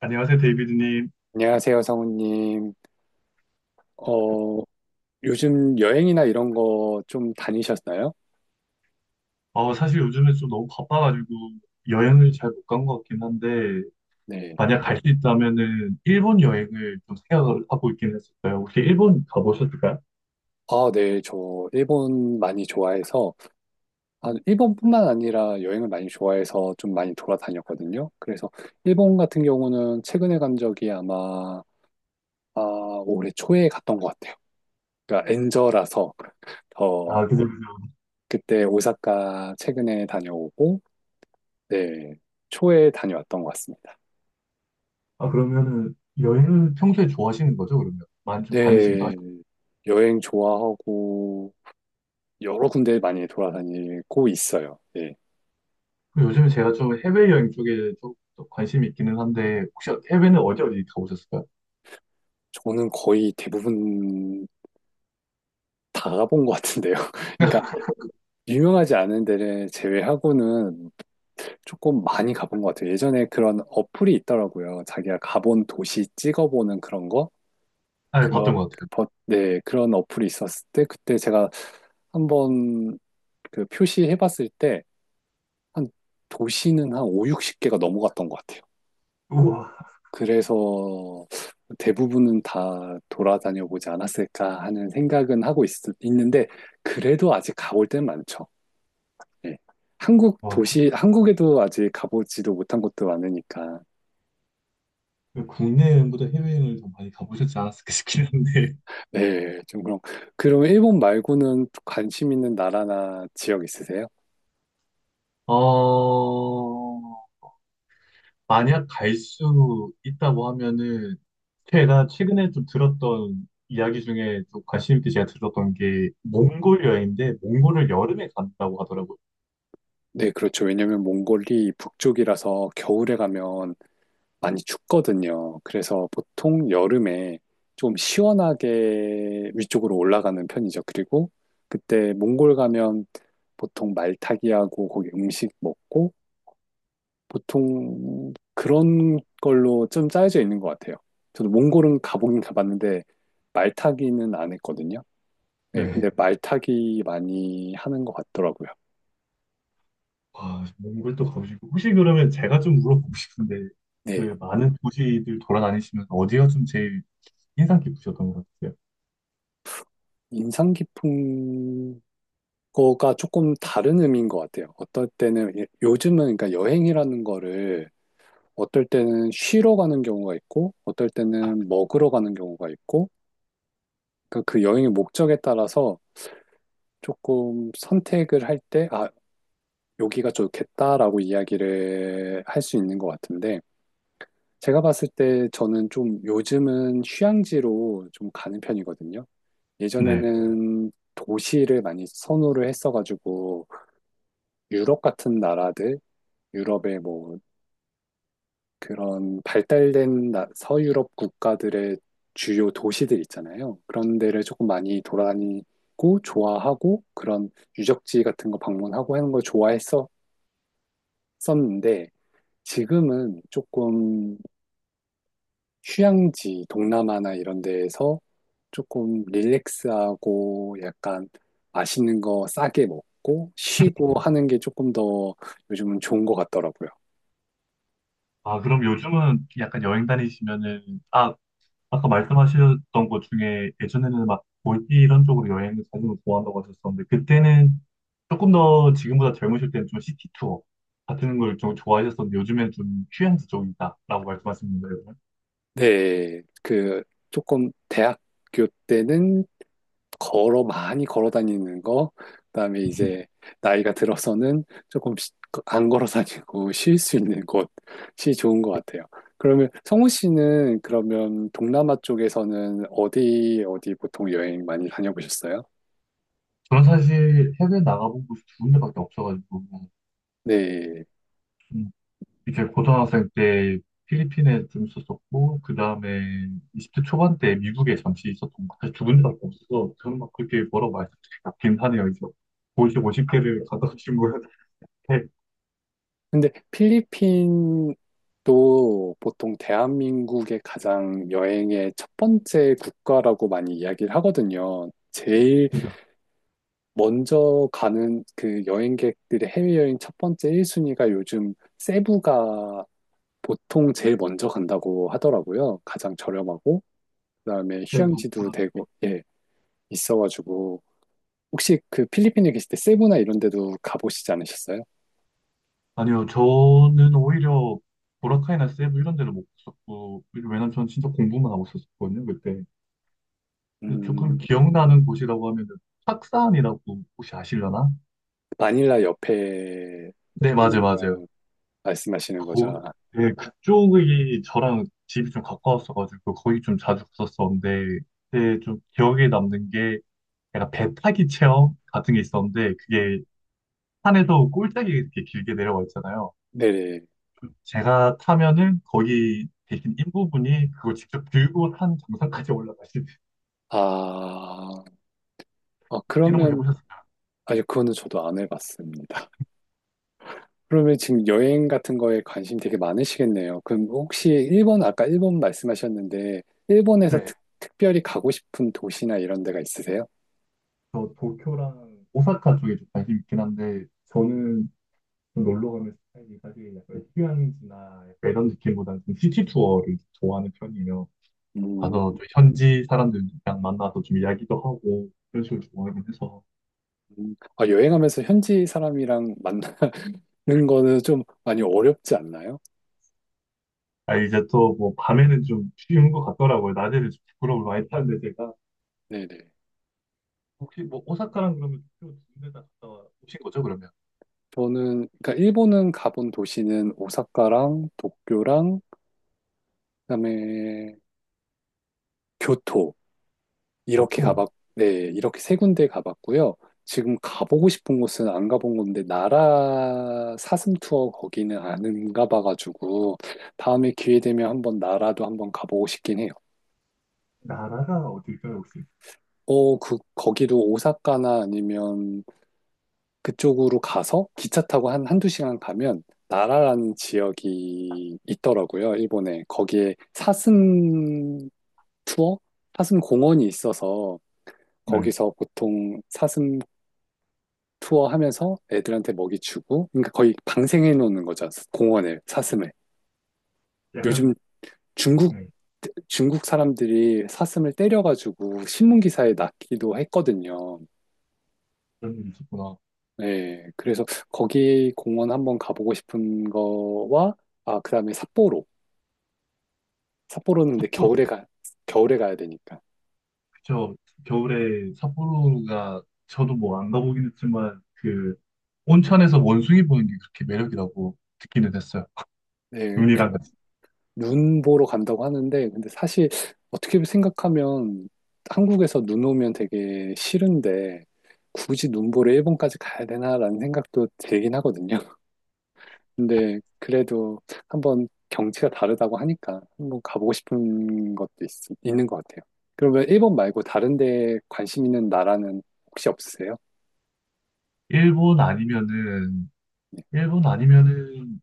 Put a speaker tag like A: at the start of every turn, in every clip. A: 안녕하세요, 데이비드님.
B: 안녕하세요, 성우님. 어, 요즘 여행이나 이런 거 좀 다니셨나요?
A: 사실 요즘에 좀 너무 바빠가지고 여행을 잘 못 간 것 같긴 한데,
B: 네.
A: 만약 갈 수 있다면은 일본 여행을 좀 생각을 하고 있긴 했었어요. 혹시 일본 가보셨을까요?
B: 아, 네. 저 일본 많이 좋아해서, 아, 일본뿐만 아니라 여행을 많이 좋아해서 좀 많이 돌아다녔거든요. 그래서 일본 같은 경우는 최근에 간 적이 아마, 아, 올해 초에 갔던 것 같아요. 그러니까 엔저라서 더
A: 아, 그죠, 그죠.
B: 그때 오사카 최근에 다녀오고, 네. 초에 다녀왔던 것 같습니다.
A: 아, 그러면은 여행을 평소에 좋아하시는 거죠, 그러면? 많이 좀 다니시기도
B: 네,
A: 하시고.
B: 여행 좋아하고, 여러 군데 많이 돌아다니고 있어요. 예.
A: 그리고 요즘에 제가 좀 해외여행 쪽에 좀더 관심이 있기는 한데, 혹시 해외는 어디 어디 가보셨을까요?
B: 저는 거의 대부분 다 가본 것 같은데요. 그러니까 유명하지 않은 데를 제외하고는 조금 많이 가본 것 같아요. 예전에 그런 어플이 있더라고요. 자기가 가본 도시 찍어보는 그런 거?
A: 아, 예, 봤던
B: 그런,
A: 것 같아요.
B: 네, 그런 어플이 있었을 때 그때 제가 한번 그 표시해봤을 때 한 도시는 한 5, 60개가 넘어갔던 것 같아요.
A: 우와.
B: 그래서 대부분은 다 돌아다녀 보지 않았을까 하는 생각은 하고 있, 는데 그래도 아직 가볼 데는 많죠. 예. 한국
A: 와,
B: 도시, 한국에도 아직 가보지도 못한 곳도 많으니까.
A: 국내 여행보다 해외여행을 더 많이 가보셨지 않았을까 싶긴 한데.
B: 네, 좀 그럼. 그럼 일본 말고는 관심 있는 나라나 지역 있으세요?
A: 어, 만약 갈 수 있다고 하면은 제가 최근에 좀 들었던 이야기 중에 좀 관심 있게 제가 들었던 게 몽골 여행인데 몽골을 여름에 간다고 하더라고요.
B: 네, 그렇죠. 왜냐면 몽골이 북쪽이라서 겨울에 가면 많이 춥거든요. 그래서 보통 여름에 좀 시원하게 위쪽으로 올라가는 편이죠. 그리고 그때 몽골 가면 보통 말타기하고 거기 음식 먹고 보통 그런 걸로 좀 짜여져 있는 것 같아요. 저도 몽골은 가보긴 가봤는데 말타기는 안 했거든요. 네,
A: 네.
B: 근데 말타기 많이 하는 것 같더라고요.
A: 와, 몽골도 가고 싶고 혹시 그러면 제가 좀 물어보고 싶은데
B: 네,
A: 그 많은 도시들 돌아다니시면서 어디가 좀 제일 인상 깊으셨던 것 같아요?
B: 인상 깊은 거가 조금 다른 의미인 것 같아요. 어떨 때는 예, 요즘은 그러니까 여행이라는 거를 어떨 때는 쉬러 가는 경우가 있고 어떨 때는 먹으러 가는 경우가 있고 그러니까 그 여행의 목적에 따라서 조금 선택을 할 때 아, 여기가 좋겠다라고 이야기를 할 수 있는 것 같은데 제가 봤을 때 저는 좀 요즘은 휴양지로 좀 가는 편이거든요.
A: 네.
B: 예전에는 도시를 많이 선호를 했어가지고 유럽 같은 나라들 유럽의 뭐 그런 발달된 서유럽 국가들의 주요 도시들 있잖아요. 그런 데를 조금 많이 돌아다니고 좋아하고 그런 유적지 같은 거 방문하고 하는 걸 좋아했었는데 지금은 조금 휴양지 동남아나 이런 데에서 조금 릴렉스하고 약간 맛있는 거 싸게 먹고 쉬고 하는 게 조금 더 요즘은 좋은 것 같더라고요.
A: 아, 그럼 요즘은 약간 여행 다니시면은, 아까 말씀하셨던 것 중에 예전에는 막 몰디 이런 쪽으로 여행을 다니는 걸 좋아한다고 하셨었는데 그때는 조금 더 지금보다 젊으실 때는 좀 시티 투어 같은 걸 좀 좋아하셨었는데 요즘엔 좀 휴양지 쪽이다라고 말씀하시는 거예요.
B: 네, 그 조금 대학 학교 때는 걸어 많이 걸어 다니는 거 그다음에 이제 나이가 들어서는 조금 안 걸어 다니고 쉴 수 있는 곳이 좋은 것 같아요. 그러면 성우 씨는 그러면 동남아 쪽에서는 어디 어디 보통 여행 많이 다녀보셨어요?
A: 저는 사실 해외 나가본 곳이 두 군데밖에 없어가지고
B: 네.
A: 음, 이제 고등학생 때 필리핀에 좀 있었었고 그 다음에 20대 초반 때 미국에 잠시 있었던 것 사실 두 군데밖에 없어서 저는 막 그렇게 뭐라고 말씀드리긴 하네요. 이제 50, 50개를 가다 오신 거예요.
B: 근데 필리핀도 보통 대한민국의 가장 여행의 첫 번째 국가라고 많이 이야기를 하거든요. 제일
A: 네.
B: 먼저 가는 그 여행객들의 해외여행 첫 번째 1순위가 요즘 세부가 보통 제일 먼저 간다고 하더라고요. 가장 저렴하고, 그다음에
A: 뭐,
B: 휴양지도
A: 뭐라-
B: 되고, 예, 있어가지고. 혹시 그 필리핀에 계실 때 세부나 이런 데도 가보시지 않으셨어요?
A: 아니요, 저는 오히려 보라카이나 세부 이런 데를 못 갔었고, 왜냐면 저는 진짜 공부만 하고 있었거든요, 그때. 근데 조금
B: 음,
A: 기억나는 곳이라고 하면은, 학산이라고 혹시 아시려나?
B: 마닐라 옆에
A: 네, 맞아요,
B: 있는
A: 맞아요.
B: 걸 말씀하시는 거죠.
A: 거,
B: 아,
A: 네, 그쪽이 저랑 집이 좀 가까웠어가지고, 거기 좀 자주 갔었었는데, 그때 좀 기억에 남는 게, 약간 배 타기 체험 같은 게 있었는데,
B: 음,
A: 그게 산에서 꼴짝이 이렇게 길게 내려와 있잖아요.
B: 네네.
A: 제가 타면은 거기 계신 인부분이 그걸 직접 들고 산 정상까지 올라가시는
B: 아, 어,
A: 이런 거
B: 그러면,
A: 해보셨어요?
B: 아니, 그거는 저도 안 해봤습니다. 그러면 지금 여행 같은 거에 관심 되게 많으시겠네요. 그럼 혹시 일본, 아까 일본 말씀하셨는데, 일본에서
A: 네,
B: 특별히 가고 싶은 도시나 이런 데가 있으세요?
A: 저 도쿄랑 오사카 쪽에 좀 관심 있긴 한데 저는 좀 놀러 가는 스타일이 사실 약간 휴양지나 약간 이런 느낌보다는 좀 시티 투어를 좋아하는 편이에요. 가서
B: 음,
A: 좀 현지 사람들이랑 만나서 좀 이야기도 하고 이런 식으로 좋아하긴 해서
B: 아, 여행하면서 현지 사람이랑 만나는 거는 좀 많이 어렵지 않나요?
A: 아 이제 또 뭐 밤에는 좀 쉬운 것 같더라고요. 낮에는 좀 부끄러움을 많이 타는데 제가
B: 네네.
A: 혹시 뭐 오사카랑 그러면 도쿄 두군데 다 갔다 오신 거죠, 그러면?
B: 저는, 그러니까 일본은 가본 도시는 오사카랑 도쿄랑, 그다음에 교토. 이렇게
A: 교토.
B: 가봤, 네, 이렇게 세 군데 가봤고요. 지금 가보고 싶은 곳은 안 가본 건데, 나라 사슴 투어 거기는 안 가봐가지고, 다음에 기회 되면 한번 나라도 한번 가보고 싶긴 해요.
A: 나라가 어딜까요, 혹시?
B: 어, 그, 거기도 오사카나 아니면 그쪽으로 가서 기차 타고 한 한두 시간 가면 나라라는 지역이 있더라고요, 일본에. 거기에 사슴 투어? 사슴 공원이 있어서
A: 네.
B: 거기서 보통 사슴 투어하면서 애들한테 먹이 주고, 그러니까 거의 방생해 놓는 거죠. 공원을, 사슴을.
A: 약간,
B: 요즘 중국,
A: 네,
B: 중국 사람들이 사슴을 때려가지고 신문 기사에 났기도 했거든요.
A: 그런 일이 있었구나.
B: 네, 그래서 거기 공원 한번 가보고 싶은 거와, 아, 그 다음에 삿포로. 삿포로는 근데
A: 삿포로.
B: 겨울에 가, 겨울에 가야 되니까.
A: 그쵸. 겨울에 삿포로가 저도 뭐 안 가보긴 했지만 그 온천에서 원숭이 보는 게 그렇게 매력이라고 듣기는 했어요.
B: 네,
A: 눈이랑 같이.
B: 눈 보러 간다고 하는데, 근데 사실 어떻게 생각하면 한국에서 눈 오면 되게 싫은데, 굳이 눈 보러 일본까지 가야 되나라는 생각도 들긴 하거든요. 근데 그래도 한번 경치가 다르다고 하니까 한번 가보고 싶은 것도 있, 있는 것 같아요. 그러면 일본 말고 다른 데 관심 있는 나라는 혹시 없으세요?
A: 일본 아니면은
B: 네.
A: 일본 아니면은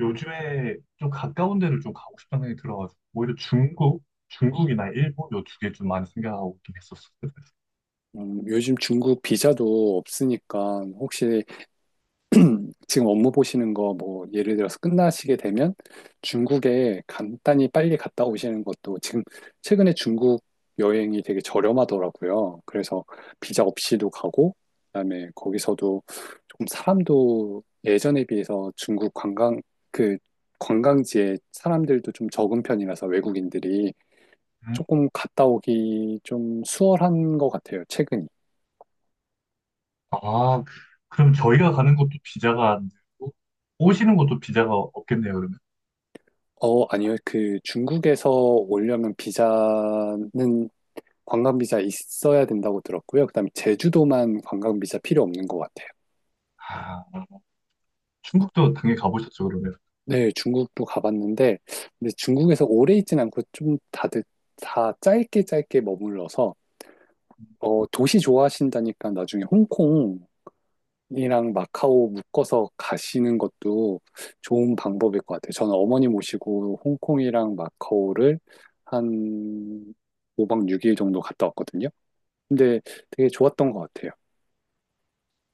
A: 요즘에 좀 가까운 데를 좀 가고 싶다는 생각이 들어가지고 오히려 중국이나 일본 요 두 개 좀 많이 생각하고 있긴 했었어요.
B: 요즘 중국 비자도 없으니까 혹시 지금 업무 보시는 거 뭐 예를 들어서 끝나시게 되면 중국에 간단히 빨리 갔다 오시는 것도 지금 최근에 중국 여행이 되게 저렴하더라고요. 그래서 비자 없이도 가고 그다음에 거기서도 조금 사람도 예전에 비해서 중국 관광 그 관광지에 사람들도 좀 적은 편이라서 외국인들이 조금 갔다 오기 좀 수월한 것 같아요. 최근이.
A: 아, 그럼 저희가 가는 것도 비자가 안 되고, 오시는 것도 비자가 없겠네요, 그러면.
B: 어, 아니요. 그 중국에서 오려면 비자는 관광 비자 있어야 된다고 들었고요. 그다음에 제주도만 관광 비자 필요 없는 것 같아요.
A: 아, 중국도 당연히 가보셨죠, 그러면.
B: 네, 중국도 가봤는데 근데 중국에서 오래 있진 않고 좀 다들 다 짧게 짧게 머물러서 어, 도시 좋아하신다니까 나중에 홍콩이랑 마카오 묶어서 가시는 것도 좋은 방법일 것 같아요. 저는 어머니 모시고 홍콩이랑 마카오를 한 5박 6일 정도 갔다 왔거든요. 근데 되게 좋았던 것 같아요.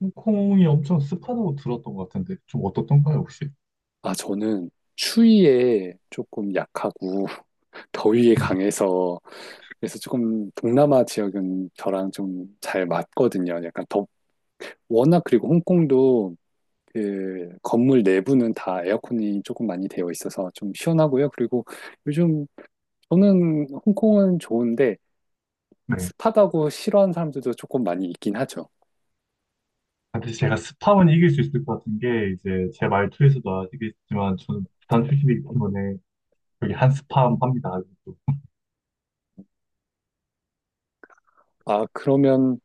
A: 홍콩이 엄청 습하다고 들었던 것 같은데, 좀 어떻던가요, 혹시?
B: 아, 저는 추위에 조금 약하고 더위에 강해서 그래서 조금 동남아 지역은 저랑 좀 잘 맞거든요. 워낙 그리고 홍콩도 그 건물 내부는 다 에어컨이 조금 많이 되어 있어서 좀 시원하고요. 그리고 요즘 저는 홍콩은 좋은데
A: 네.
B: 습하다고 싫어하는 사람들도 조금 많이 있긴 하죠.
A: 근데 제가 습함은 이길 수 있을 것 같은 게, 이제 제 말투에서도 아시겠지만, 저는 부산 출신이기 때문에, 여기 한스팜 합니다. 아직도.
B: 아, 그러면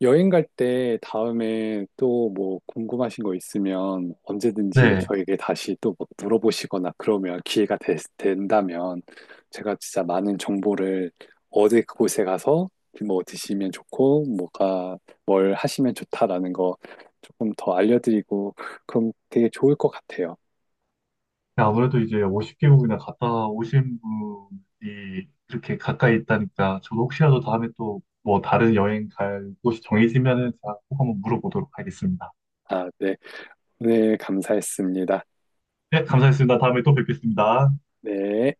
B: 여행 갈 때 다음에 또 뭐 궁금하신 거 있으면 언제든지
A: 네.
B: 저에게 다시 또 뭐 물어보시거나 그러면 기회가 된다면 제가 진짜 많은 정보를 어디 그곳에 가서 뭐 드시면 좋고 뭐가 뭘 하시면 좋다라는 거 조금 더 알려드리고 그럼 되게 좋을 것 같아요.
A: 아무래도 이제 50개국이나 갔다 오신 분이 이렇게 가까이 있다니까 저도 혹시라도 다음에 또 뭐 다른 여행 갈 곳이 정해지면은 제가 꼭 한번 물어보도록 하겠습니다.
B: 아, 네. 오늘 감사했습니다.
A: 네, 감사했습니다. 다음에 또 뵙겠습니다.
B: 네.